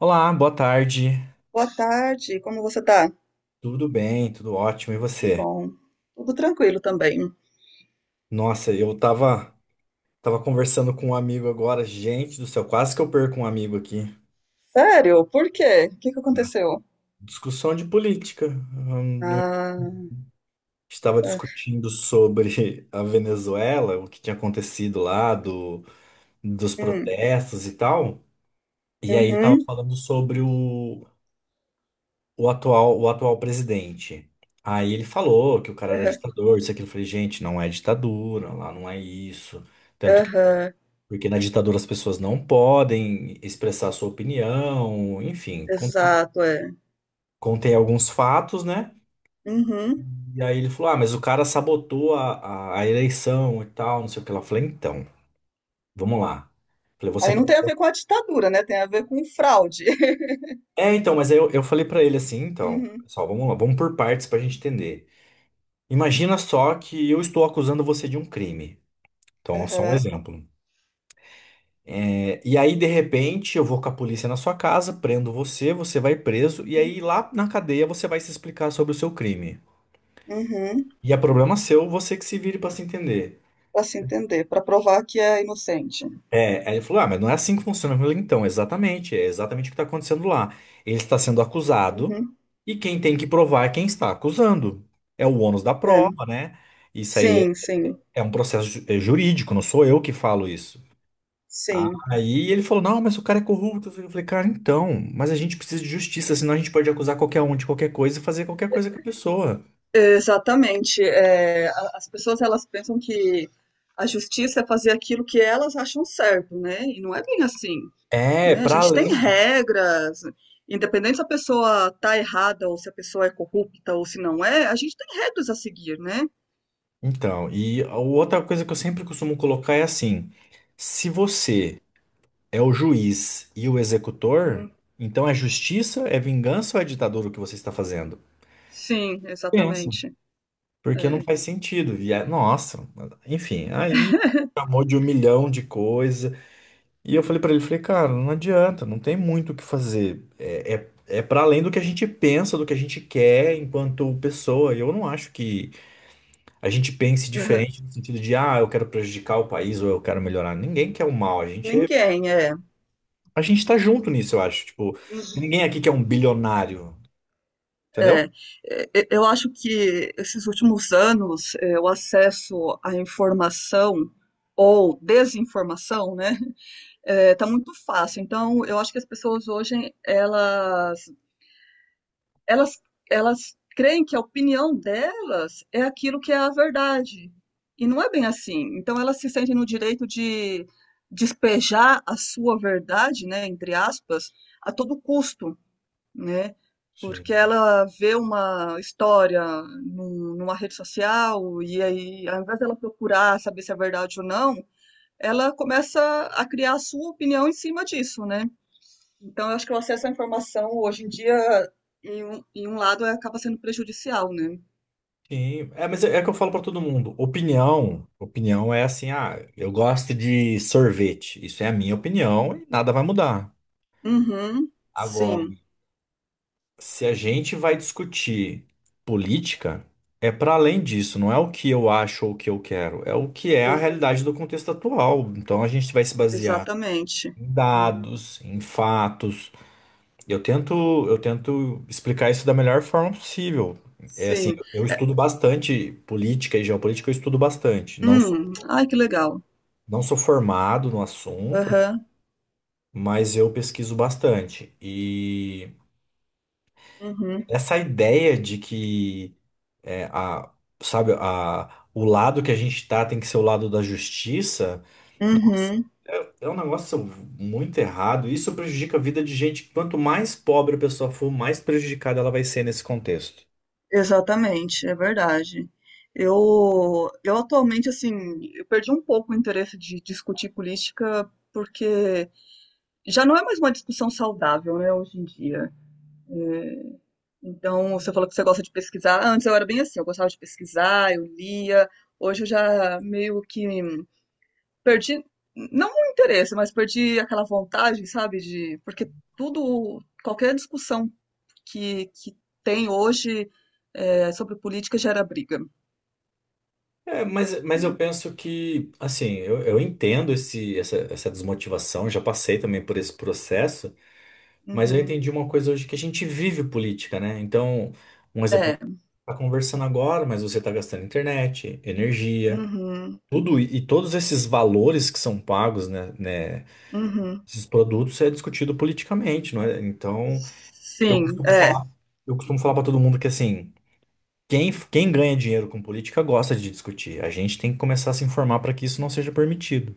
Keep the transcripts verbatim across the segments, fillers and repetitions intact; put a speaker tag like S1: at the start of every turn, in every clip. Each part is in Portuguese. S1: Olá, boa tarde.
S2: Boa tarde, como você tá?
S1: Tudo bem, tudo ótimo. E
S2: Ah, que
S1: você?
S2: bom. Tudo tranquilo também.
S1: Nossa, eu tava, tava conversando com um amigo agora. Gente do céu, quase que eu perco um amigo aqui.
S2: Sério? Por quê? O que que aconteceu?
S1: Discussão de política. Hum, não-
S2: Ah,
S1: Estava
S2: ah,
S1: discutindo sobre a Venezuela, o que tinha acontecido lá, do, dos
S2: hum,
S1: protestos e tal. E aí ele tava
S2: uhum,
S1: falando sobre o, o atual, o atual presidente. Aí ele falou que o cara era
S2: aham,
S1: ditador, isso e aquilo. Eu falei, gente, não é ditadura, lá não é isso. Tanto
S2: aham,
S1: Porque na ditadura as pessoas não podem expressar sua opinião, enfim, contém,
S2: exato, é.
S1: contém alguns fatos, né?
S2: Uhum.
S1: E aí ele falou: Ah, mas o cara sabotou a, a, a eleição e tal, não sei o que. Ela falou: Então, vamos lá. Falei: Você
S2: Aí
S1: tá.
S2: não tem a ver com a ditadura, né? Tem a ver com fraude.
S1: É, então, mas aí eu, eu falei pra ele assim: Então,
S2: Uhum,
S1: pessoal, vamos lá, vamos por partes pra gente entender. Imagina só que eu estou acusando você de um crime. Então, só um
S2: aham,
S1: exemplo. É, e aí, de repente, eu vou com a polícia na sua casa, prendo você, você vai preso, e
S2: uhum,
S1: aí lá na cadeia você vai se explicar sobre o seu crime.
S2: uhum.
S1: E é problema seu, você que se vire pra se entender.
S2: Para se entender, para provar que é inocente.
S1: É, aí ele falou: Ah, mas não é assim que funciona. Eu falei, então, exatamente, é exatamente o que tá acontecendo lá. Ele está sendo acusado,
S2: Uhum,
S1: e quem tem que provar é quem está acusando. É o ônus da
S2: é.
S1: prova, né? Isso aí é
S2: Sim, sim,
S1: é um processo ju- é jurídico, não sou eu que falo isso.
S2: sim.
S1: Aí ele falou, não, mas o cara é corrupto. Eu falei, cara, então, mas a gente precisa de justiça, senão a gente pode acusar qualquer um de qualquer coisa e fazer qualquer coisa com a pessoa.
S2: Exatamente. É, a- as pessoas elas pensam que a justiça é fazer aquilo que elas acham certo, né? E não é bem assim,
S1: É,
S2: né? A
S1: pra
S2: gente tem
S1: além. de-
S2: regras, independente se a pessoa tá errada ou se a pessoa é corrupta ou se não é, a gente tem regras a seguir, né?
S1: Então, e a outra coisa que eu sempre costumo colocar é assim: se você é o juiz e o executor,
S2: Uhum.
S1: então é justiça, é vingança ou é ditadura o que você está fazendo?
S2: Sim,
S1: Pensa,
S2: exatamente.
S1: porque não
S2: É.
S1: faz sentido. E é- nossa, enfim, aí chamou de um milhão de coisas. E eu falei pra ele, falei, cara, não adianta, não tem muito o que fazer. É, é, é para além do que a gente pensa, do que a gente quer enquanto pessoa. E eu não acho que a gente pense
S2: Uhum.
S1: diferente no sentido de, ah, eu quero prejudicar o país ou eu quero melhorar. Ninguém quer o mal. A gente é,
S2: Ninguém é.
S1: a gente tá junto nisso, eu acho. Tipo, ninguém aqui quer um bilionário, entendeu?
S2: É. É, e- eu acho que esses últimos anos, é, o acesso à informação ou desinformação, né? É, tá muito fácil. Então, eu acho que as pessoas hoje, elas, elas, elas creem que a opinião delas é aquilo que é a verdade. E não é bem assim. Então, elas se sentem no direito de despejar a sua verdade, né, entre aspas, a todo custo, né?
S1: Sim.
S2: Porque ela vê uma história num- numa rede social e aí, ao invés dela procurar saber se é verdade ou não, ela começa a criar a sua opinião em cima disso, né? Então, eu acho que o acesso à informação hoje em dia, em um, em um lado, acaba sendo prejudicial, né?
S1: Sim, é, mas é, é que eu falo pra todo mundo. Opinião, opinião é assim, ah, eu gosto de sorvete. Isso é a minha opinião e nada vai mudar.
S2: Uhum, sim,
S1: Agora, se a gente vai discutir política, é para além disso, não é o que eu acho ou o que eu quero, é o que é a
S2: ex-
S1: realidade do contexto atual. Então a gente vai se basear
S2: exatamente.
S1: em
S2: Hum,
S1: dados, em fatos. Eu tento, eu tento explicar isso da melhor forma possível. É assim,
S2: Sim.
S1: eu estudo bastante política e geopolítica, eu estudo bastante. Não sou,
S2: Hum, ai, que legal.
S1: não sou formado no assunto, né?
S2: Aham,
S1: Mas eu pesquiso bastante. E
S2: uhum,
S1: essa ideia de que É, a, sabe, a, o lado que a gente tá tem que ser o lado da justiça. Nossa,
S2: uhum,
S1: é, é um negócio muito errado. Isso prejudica a vida de gente. Quanto mais pobre a pessoa for, mais prejudicada ela vai ser nesse contexto.
S2: exatamente, é verdade. Eu, eu atualmente, assim, eu perdi um pouco o interesse de discutir política porque já não é mais uma discussão saudável, né, hoje em dia. É, então, você falou que você gosta de pesquisar. Antes eu era bem assim, eu gostava de pesquisar, eu lia. Hoje eu já meio que perdi, não o interesse, mas perdi aquela vontade, sabe? De, porque tudo, qualquer discussão que, que tem hoje é, sobre política gera briga,
S1: É, mas, mas eu
S2: né?
S1: penso que, assim, eu, eu entendo esse, essa, essa desmotivação, já passei também por esse processo, mas eu
S2: Uhum.
S1: entendi uma coisa hoje que a gente vive política, né? Então, um exemplo,
S2: É,
S1: tá conversando agora, mas você tá gastando internet, energia.
S2: uhum,
S1: Tudo e e todos esses valores que são pagos, né, né,
S2: uhum.
S1: esses produtos é discutido politicamente, não é? Então, eu
S2: Sim,
S1: costumo
S2: é,
S1: falar, eu costumo falar para todo mundo que assim, quem, quem ganha dinheiro com política gosta de discutir. A gente tem que começar a se informar para que isso não seja permitido.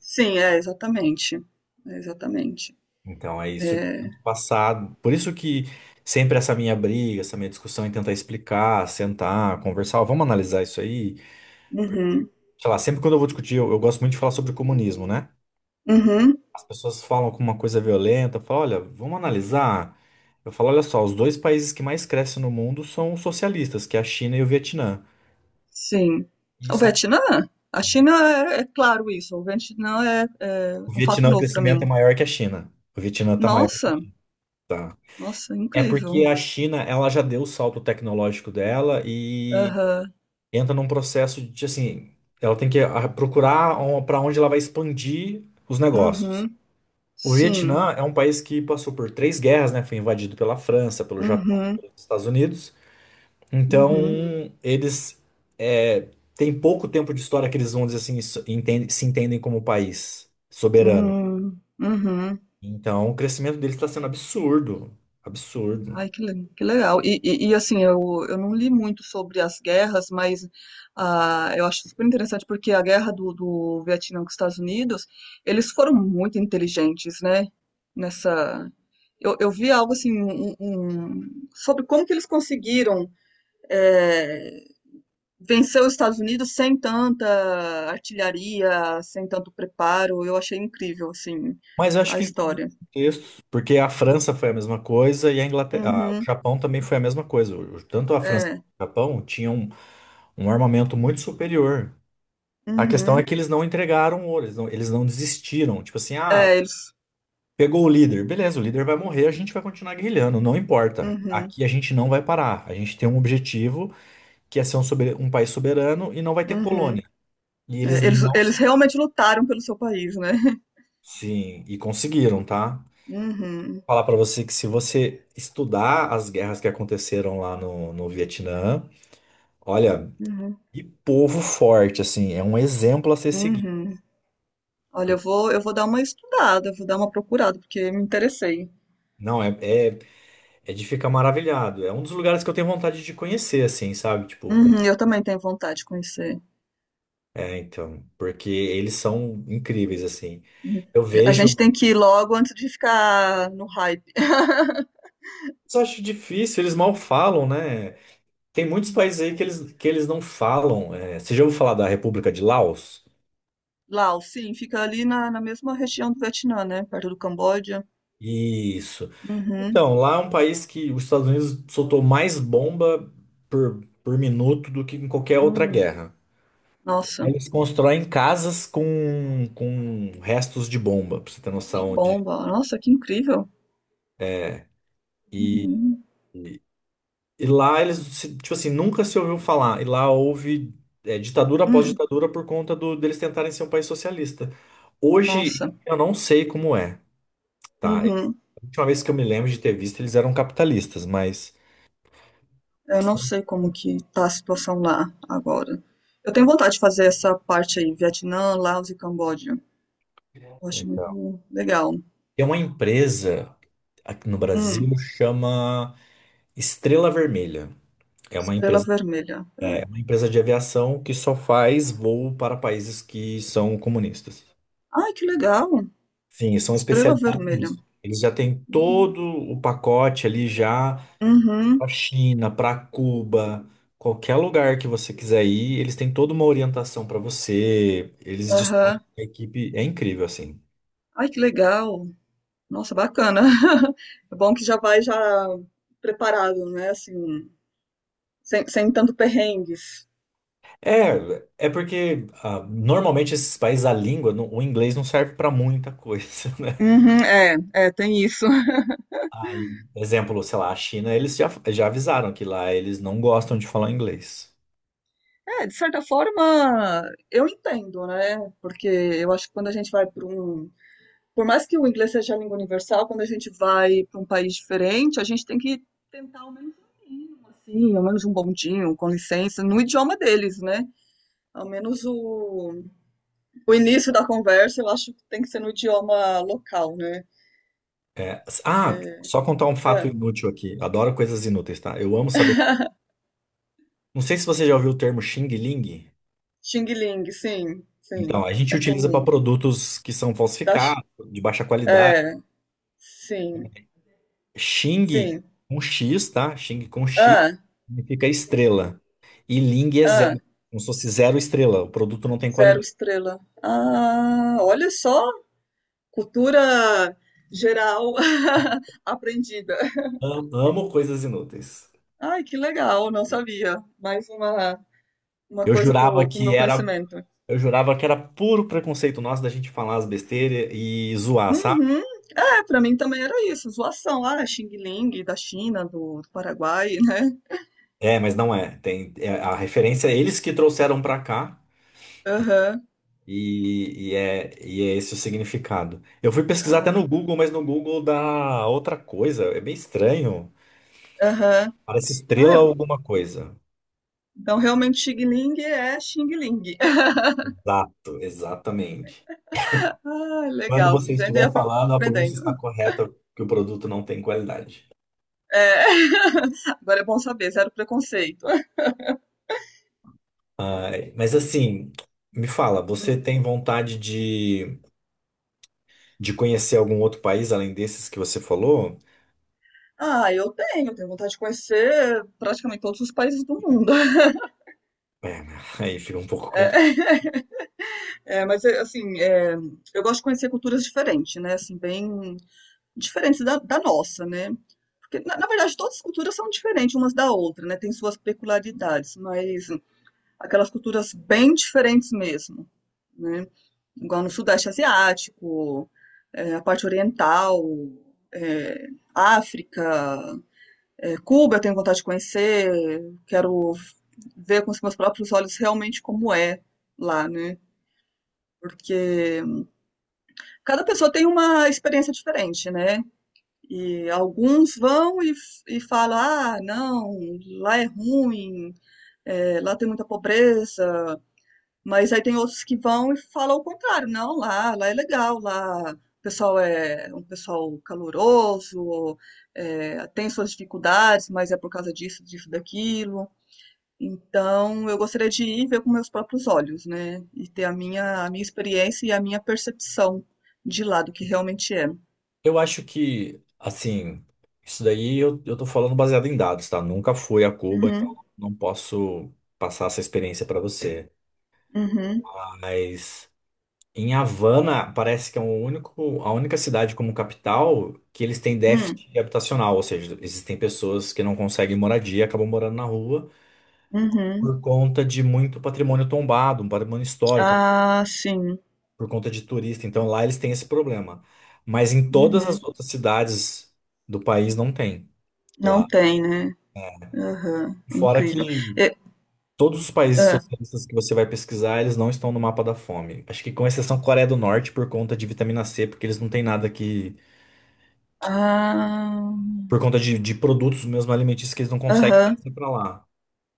S2: sim, é, exatamente. É, exatamente.
S1: Então, é isso que eu tento passar. Por isso que sempre essa minha briga, essa minha discussão em tentar explicar, sentar, conversar, ó, vamos analisar isso aí.
S2: Uhum,
S1: Sei lá, sempre quando eu vou discutir, eu, eu gosto muito de falar sobre o comunismo, né?
S2: uhum.
S1: As pessoas falam com uma coisa violenta, falam, olha, vamos analisar. Eu falo, olha só, os dois países que mais crescem no mundo são os socialistas, que é a China e o Vietnã.
S2: Sim.
S1: E
S2: O
S1: são...
S2: Vietnã? A China é, é claro isso. O Vietnã é, é
S1: O
S2: um fato
S1: Vietnã, o
S2: novo para
S1: crescimento é
S2: mim.
S1: maior que a China. O Vietnã está maior
S2: Nossa,
S1: que tá.
S2: nossa,
S1: É
S2: incrível.
S1: porque a China, ela já deu o salto tecnológico dela e
S2: Aham.
S1: entra num processo de, assim, ela tem que ah, procurar para onde ela vai expandir os negócios.
S2: Uhum.
S1: O
S2: Sim.
S1: Vietnã é um país que passou por três guerras, né? Foi invadido pela França, pelo Japão e
S2: Uhum.
S1: pelos Estados Unidos. Então,
S2: Uhum.
S1: eles é, têm pouco tempo de história que eles vão dizer assim, isso- entendem- se entendem como país soberano.
S2: Hum. Uhum.
S1: Então, o crescimento deles está sendo absurdo, absurdo.
S2: Ai, que, le- que legal. E, e- e, assim, eu, eu não li muito sobre as guerras, mas ah, eu acho super interessante porque a guerra do, do Vietnã com os Estados Unidos, eles foram muito inteligentes, né? Nessa. Eu, eu vi algo assim, um, um- um, sobre como que eles conseguiram eh, vencer os Estados Unidos sem tanta artilharia, sem tanto preparo. Eu achei incrível, assim,
S1: Mas eu acho
S2: a
S1: que em todos os
S2: história.
S1: contextos, porque a França foi a mesma coisa e a Inglaterra, a- o
S2: Uhum,
S1: Japão também foi a mesma coisa. O- Tanto a França quanto
S2: é,
S1: o Japão tinham um um armamento muito superior. A questão é
S2: uhum,
S1: que eles não entregaram ouro, eles não, eles não desistiram. Tipo assim, ah,
S2: é, eles.
S1: pegou o líder, beleza, o líder vai morrer, a gente vai continuar guerrilhando, não importa.
S2: Uhum.
S1: Aqui a gente não vai parar. A gente tem um objetivo que é ser um, sober- um país soberano e não vai ter colônia.
S2: Uhum.
S1: E eles
S2: É, eles,
S1: não se...
S2: eles realmente lutaram pelo seu país, né?
S1: Sim, e conseguiram, tá?
S2: Uhum,
S1: Falar pra você que se você estudar as guerras que aconteceram lá no, no Vietnã, olha,
S2: uhum,
S1: que povo forte, assim, é um exemplo a ser seguido.
S2: uhum. Olha, eu
S1: Porque-
S2: vou, eu vou dar uma estudada, vou dar uma procurada, porque me interessei.
S1: Não, é, é, é de ficar maravilhado. É um dos lugares que eu tenho vontade de conhecer, assim, sabe? Tipo,
S2: Uhum, eu também tenho vontade de conhecer.
S1: é, então, porque eles são incríveis, assim.
S2: Uhum.
S1: Eu
S2: A
S1: vejo,
S2: gente tem que ir logo antes de ficar no hype.
S1: mas eu acho difícil, eles mal falam, né? Tem muitos
S2: Hum.
S1: países aí que eles, que eles não falam. É, você já ouviu falar da República de Laos?
S2: Laos, sim, fica ali na, na mesma região do Vietnã, né? Perto do Camboja.
S1: Isso.
S2: Uhum.
S1: Então, lá é um país que os Estados Unidos soltou mais bomba por, por minuto do que em qualquer outra
S2: Hum.
S1: guerra.
S2: Nossa,
S1: Eles constroem casas com, com restos de bomba, pra você ter
S2: de
S1: noção de.
S2: bomba. Nossa, que incrível.
S1: e
S2: Uhum.
S1: E lá eles, se- tipo assim, nunca se ouviu falar. E lá houve é, ditadura após
S2: Hum.
S1: ditadura por conta do, deles tentarem ser um país socialista. Hoje
S2: Nossa.
S1: eu não sei como é, tá? Eles-
S2: Uhum.
S1: a última vez que eu me lembro de ter visto, eles eram capitalistas, mas.
S2: Eu não sei como que tá a situação lá agora. Eu tenho vontade de fazer essa parte aí, Vietnã, Laos e Camboja. Eu acho
S1: Então.
S2: muito legal.
S1: Tem uma empresa aqui no Brasil
S2: Hum,
S1: chama Estrela Vermelha. É uma
S2: Estrela
S1: empresa,
S2: Vermelha.
S1: é
S2: É.
S1: uma empresa de aviação que só faz voo para países que são comunistas.
S2: Ai, que legal!
S1: Sim, e são
S2: Estrela
S1: especializados
S2: Vermelha.
S1: nisso. Eles já têm
S2: Uhum,
S1: todo o pacote ali já para
S2: uhum,
S1: China, para Cuba, qualquer lugar que você quiser ir, eles têm toda uma orientação para você. Eles dispõem
S2: aham.
S1: de uma equipe, é incrível assim.
S2: Ai, que legal! Nossa, bacana. É bom que já vai já preparado, né? Assim, sem, sem tanto perrengues.
S1: É, é porque ah, normalmente esses países a língua, não- o inglês não serve para muita coisa, né?
S2: Uhum, é, é, tem isso.
S1: Aí, exemplo, sei lá, a China, eles já, já avisaram que lá eles não gostam de falar inglês.
S2: É, de certa forma, eu entendo, né? Porque eu acho que quando a gente vai para um. Por mais que o inglês seja a língua universal, quando a gente vai para um país diferente, a gente tem que tentar ao menos um mínimo, assim, ao menos um bondinho, com licença, no idioma deles, né? Ao menos o, o início da conversa, eu acho que tem que ser no idioma local, né?
S1: É,
S2: Que
S1: ah,
S2: é,
S1: só contar um fato
S2: é.
S1: inútil aqui. Adoro coisas inúteis, tá? Eu amo saber. Não sei se você já ouviu o termo Xing Ling.
S2: Xing Ling, sim,
S1: Então, a
S2: sim,
S1: gente
S2: é
S1: utiliza
S2: comum.
S1: para produtos que são
S2: Da, Chi-
S1: falsificados, de baixa qualidade.
S2: é, sim,
S1: Xing
S2: sim.
S1: com X, tá? Xing com X
S2: Ah,
S1: significa estrela. E Ling é
S2: ah.
S1: zero, como se fosse zero estrela. O produto não tem
S2: Zero
S1: qualidade.
S2: estrela. Ah, olha só, cultura geral aprendida.
S1: Am- Amo coisas inúteis.
S2: Ai, que legal, não sabia. Mais uma, uma
S1: Eu
S2: coisa
S1: jurava
S2: pro, pro
S1: que
S2: meu
S1: era,
S2: conhecimento.
S1: eu jurava que era puro preconceito nosso da gente falar as besteiras e zoar, sabe?
S2: Uhum. É, pra mim também era isso, zoação lá, Xing Ling, da China, do, do Paraguai, né?
S1: É, mas não é. Tem é a referência é eles que trouxeram pra cá
S2: Aham.
S1: e, e é, e é esse o significado. Eu fui pesquisar até
S2: Ah,
S1: no Google, mas no Google dá outra coisa. É bem estranho.
S2: aham.
S1: Parece estrela
S2: Ah,
S1: ou alguma coisa.
S2: então realmente Xing Ling é Xing Ling.
S1: Exato, exatamente.
S2: Ah,
S1: Quando
S2: legal,
S1: você
S2: vivendo e
S1: estiver falando, a pronúncia está
S2: aprendendo.
S1: correta, que o produto não tem qualidade.
S2: É. Agora é bom saber, zero preconceito.
S1: Ai, mas assim, me fala, você tem vontade de, de conhecer algum outro país além desses que você falou?
S2: Ah, eu tenho, tenho vontade de conhecer praticamente todos os países do mundo.
S1: É, aí fica um pouco.
S2: É, é, mas é, assim, é, eu gosto de conhecer culturas diferentes, né? Assim, bem diferentes da, da nossa, né? Porque, na, na verdade, todas as culturas são diferentes umas da outra, né? Tem suas peculiaridades, mas aquelas culturas bem diferentes mesmo, né? Igual no Sudeste Asiático, é, a parte oriental, é, África, é, Cuba eu tenho vontade de conhecer, quero ver com os meus próprios olhos realmente como é lá, né? Porque cada pessoa tem uma experiência diferente, né? E alguns vão e, e falam, ah, não, lá é ruim, é, lá tem muita pobreza. Mas aí tem outros que vão e falam o contrário, não, lá, lá é legal, lá o pessoal é um pessoal caloroso, é, tem suas dificuldades, mas é por causa disso, disso, daquilo. Então, eu gostaria de ir ver com meus próprios olhos, né, e ter a minha a minha experiência e a minha percepção de lá, do que realmente é.
S1: Eu acho que, assim, isso daí eu, eu tô falando baseado em dados, tá? Nunca fui a Cuba, então
S2: Uhum,
S1: não posso passar essa experiência pra você.
S2: uhum,
S1: Mas em Havana, parece que é o único, a única cidade como capital que eles têm
S2: hum,
S1: déficit habitacional, ou seja, existem pessoas que não conseguem moradia, acabam morando na rua
S2: uhum.
S1: por conta de muito patrimônio tombado, um patrimônio histórico,
S2: Ah, sim.
S1: por conta de turista. Então lá eles têm esse problema. Mas em todas as
S2: Uhum.
S1: outras cidades do país não tem. Lá
S2: Não tem, né. Aham,
S1: Fora
S2: incrível.
S1: que
S2: E
S1: todos os países
S2: hã.
S1: socialistas que você vai pesquisar, eles não estão no mapa da fome. Acho que com exceção Coreia do Norte por conta de vitamina C, porque eles não têm nada que.
S2: Ah.
S1: Por conta de, de produtos mesmo alimentícios que eles não conseguem
S2: Aham.
S1: trazer para lá.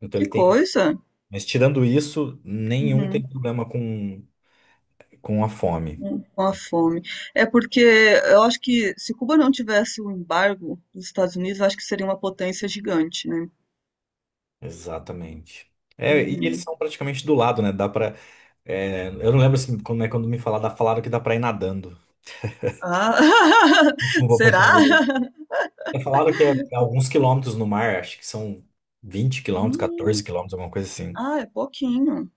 S1: Então
S2: Que
S1: ele tem.
S2: coisa.
S1: Mas tirando isso, nenhum
S2: Uhum.
S1: tem problema com, com a fome.
S2: Hum, com a fome. É porque eu acho que se Cuba não tivesse o embargo dos Estados Unidos, eu acho que seria uma potência gigante, né.
S1: Exatamente. É, e eles
S2: Uhum.
S1: são praticamente do lado, né? Dá pra. É, eu não lembro assim, como é quando me falar, falaram que dá pra ir nadando.
S2: Ah,
S1: Como vou
S2: será?
S1: pensar. É falado que é alguns quilômetros no mar, acho que são vinte quilômetros, quatorze
S2: Hum,
S1: quilômetros, alguma coisa assim.
S2: ah, é pouquinho,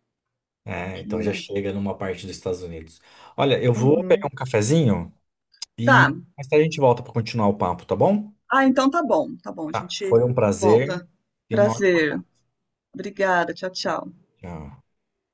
S1: É, então já
S2: pouquinho.
S1: chega numa parte dos Estados Unidos. Olha, eu vou pegar
S2: Uhum.
S1: um cafezinho
S2: Tá.
S1: e mais tarde a gente volta para continuar o papo, tá bom?
S2: Ah, então tá bom, tá bom, a
S1: Tá,
S2: gente
S1: foi um prazer
S2: volta.
S1: e uma ótima
S2: Prazer.
S1: tarde.
S2: Obrigada, tchau, tchau.
S1: Tchau.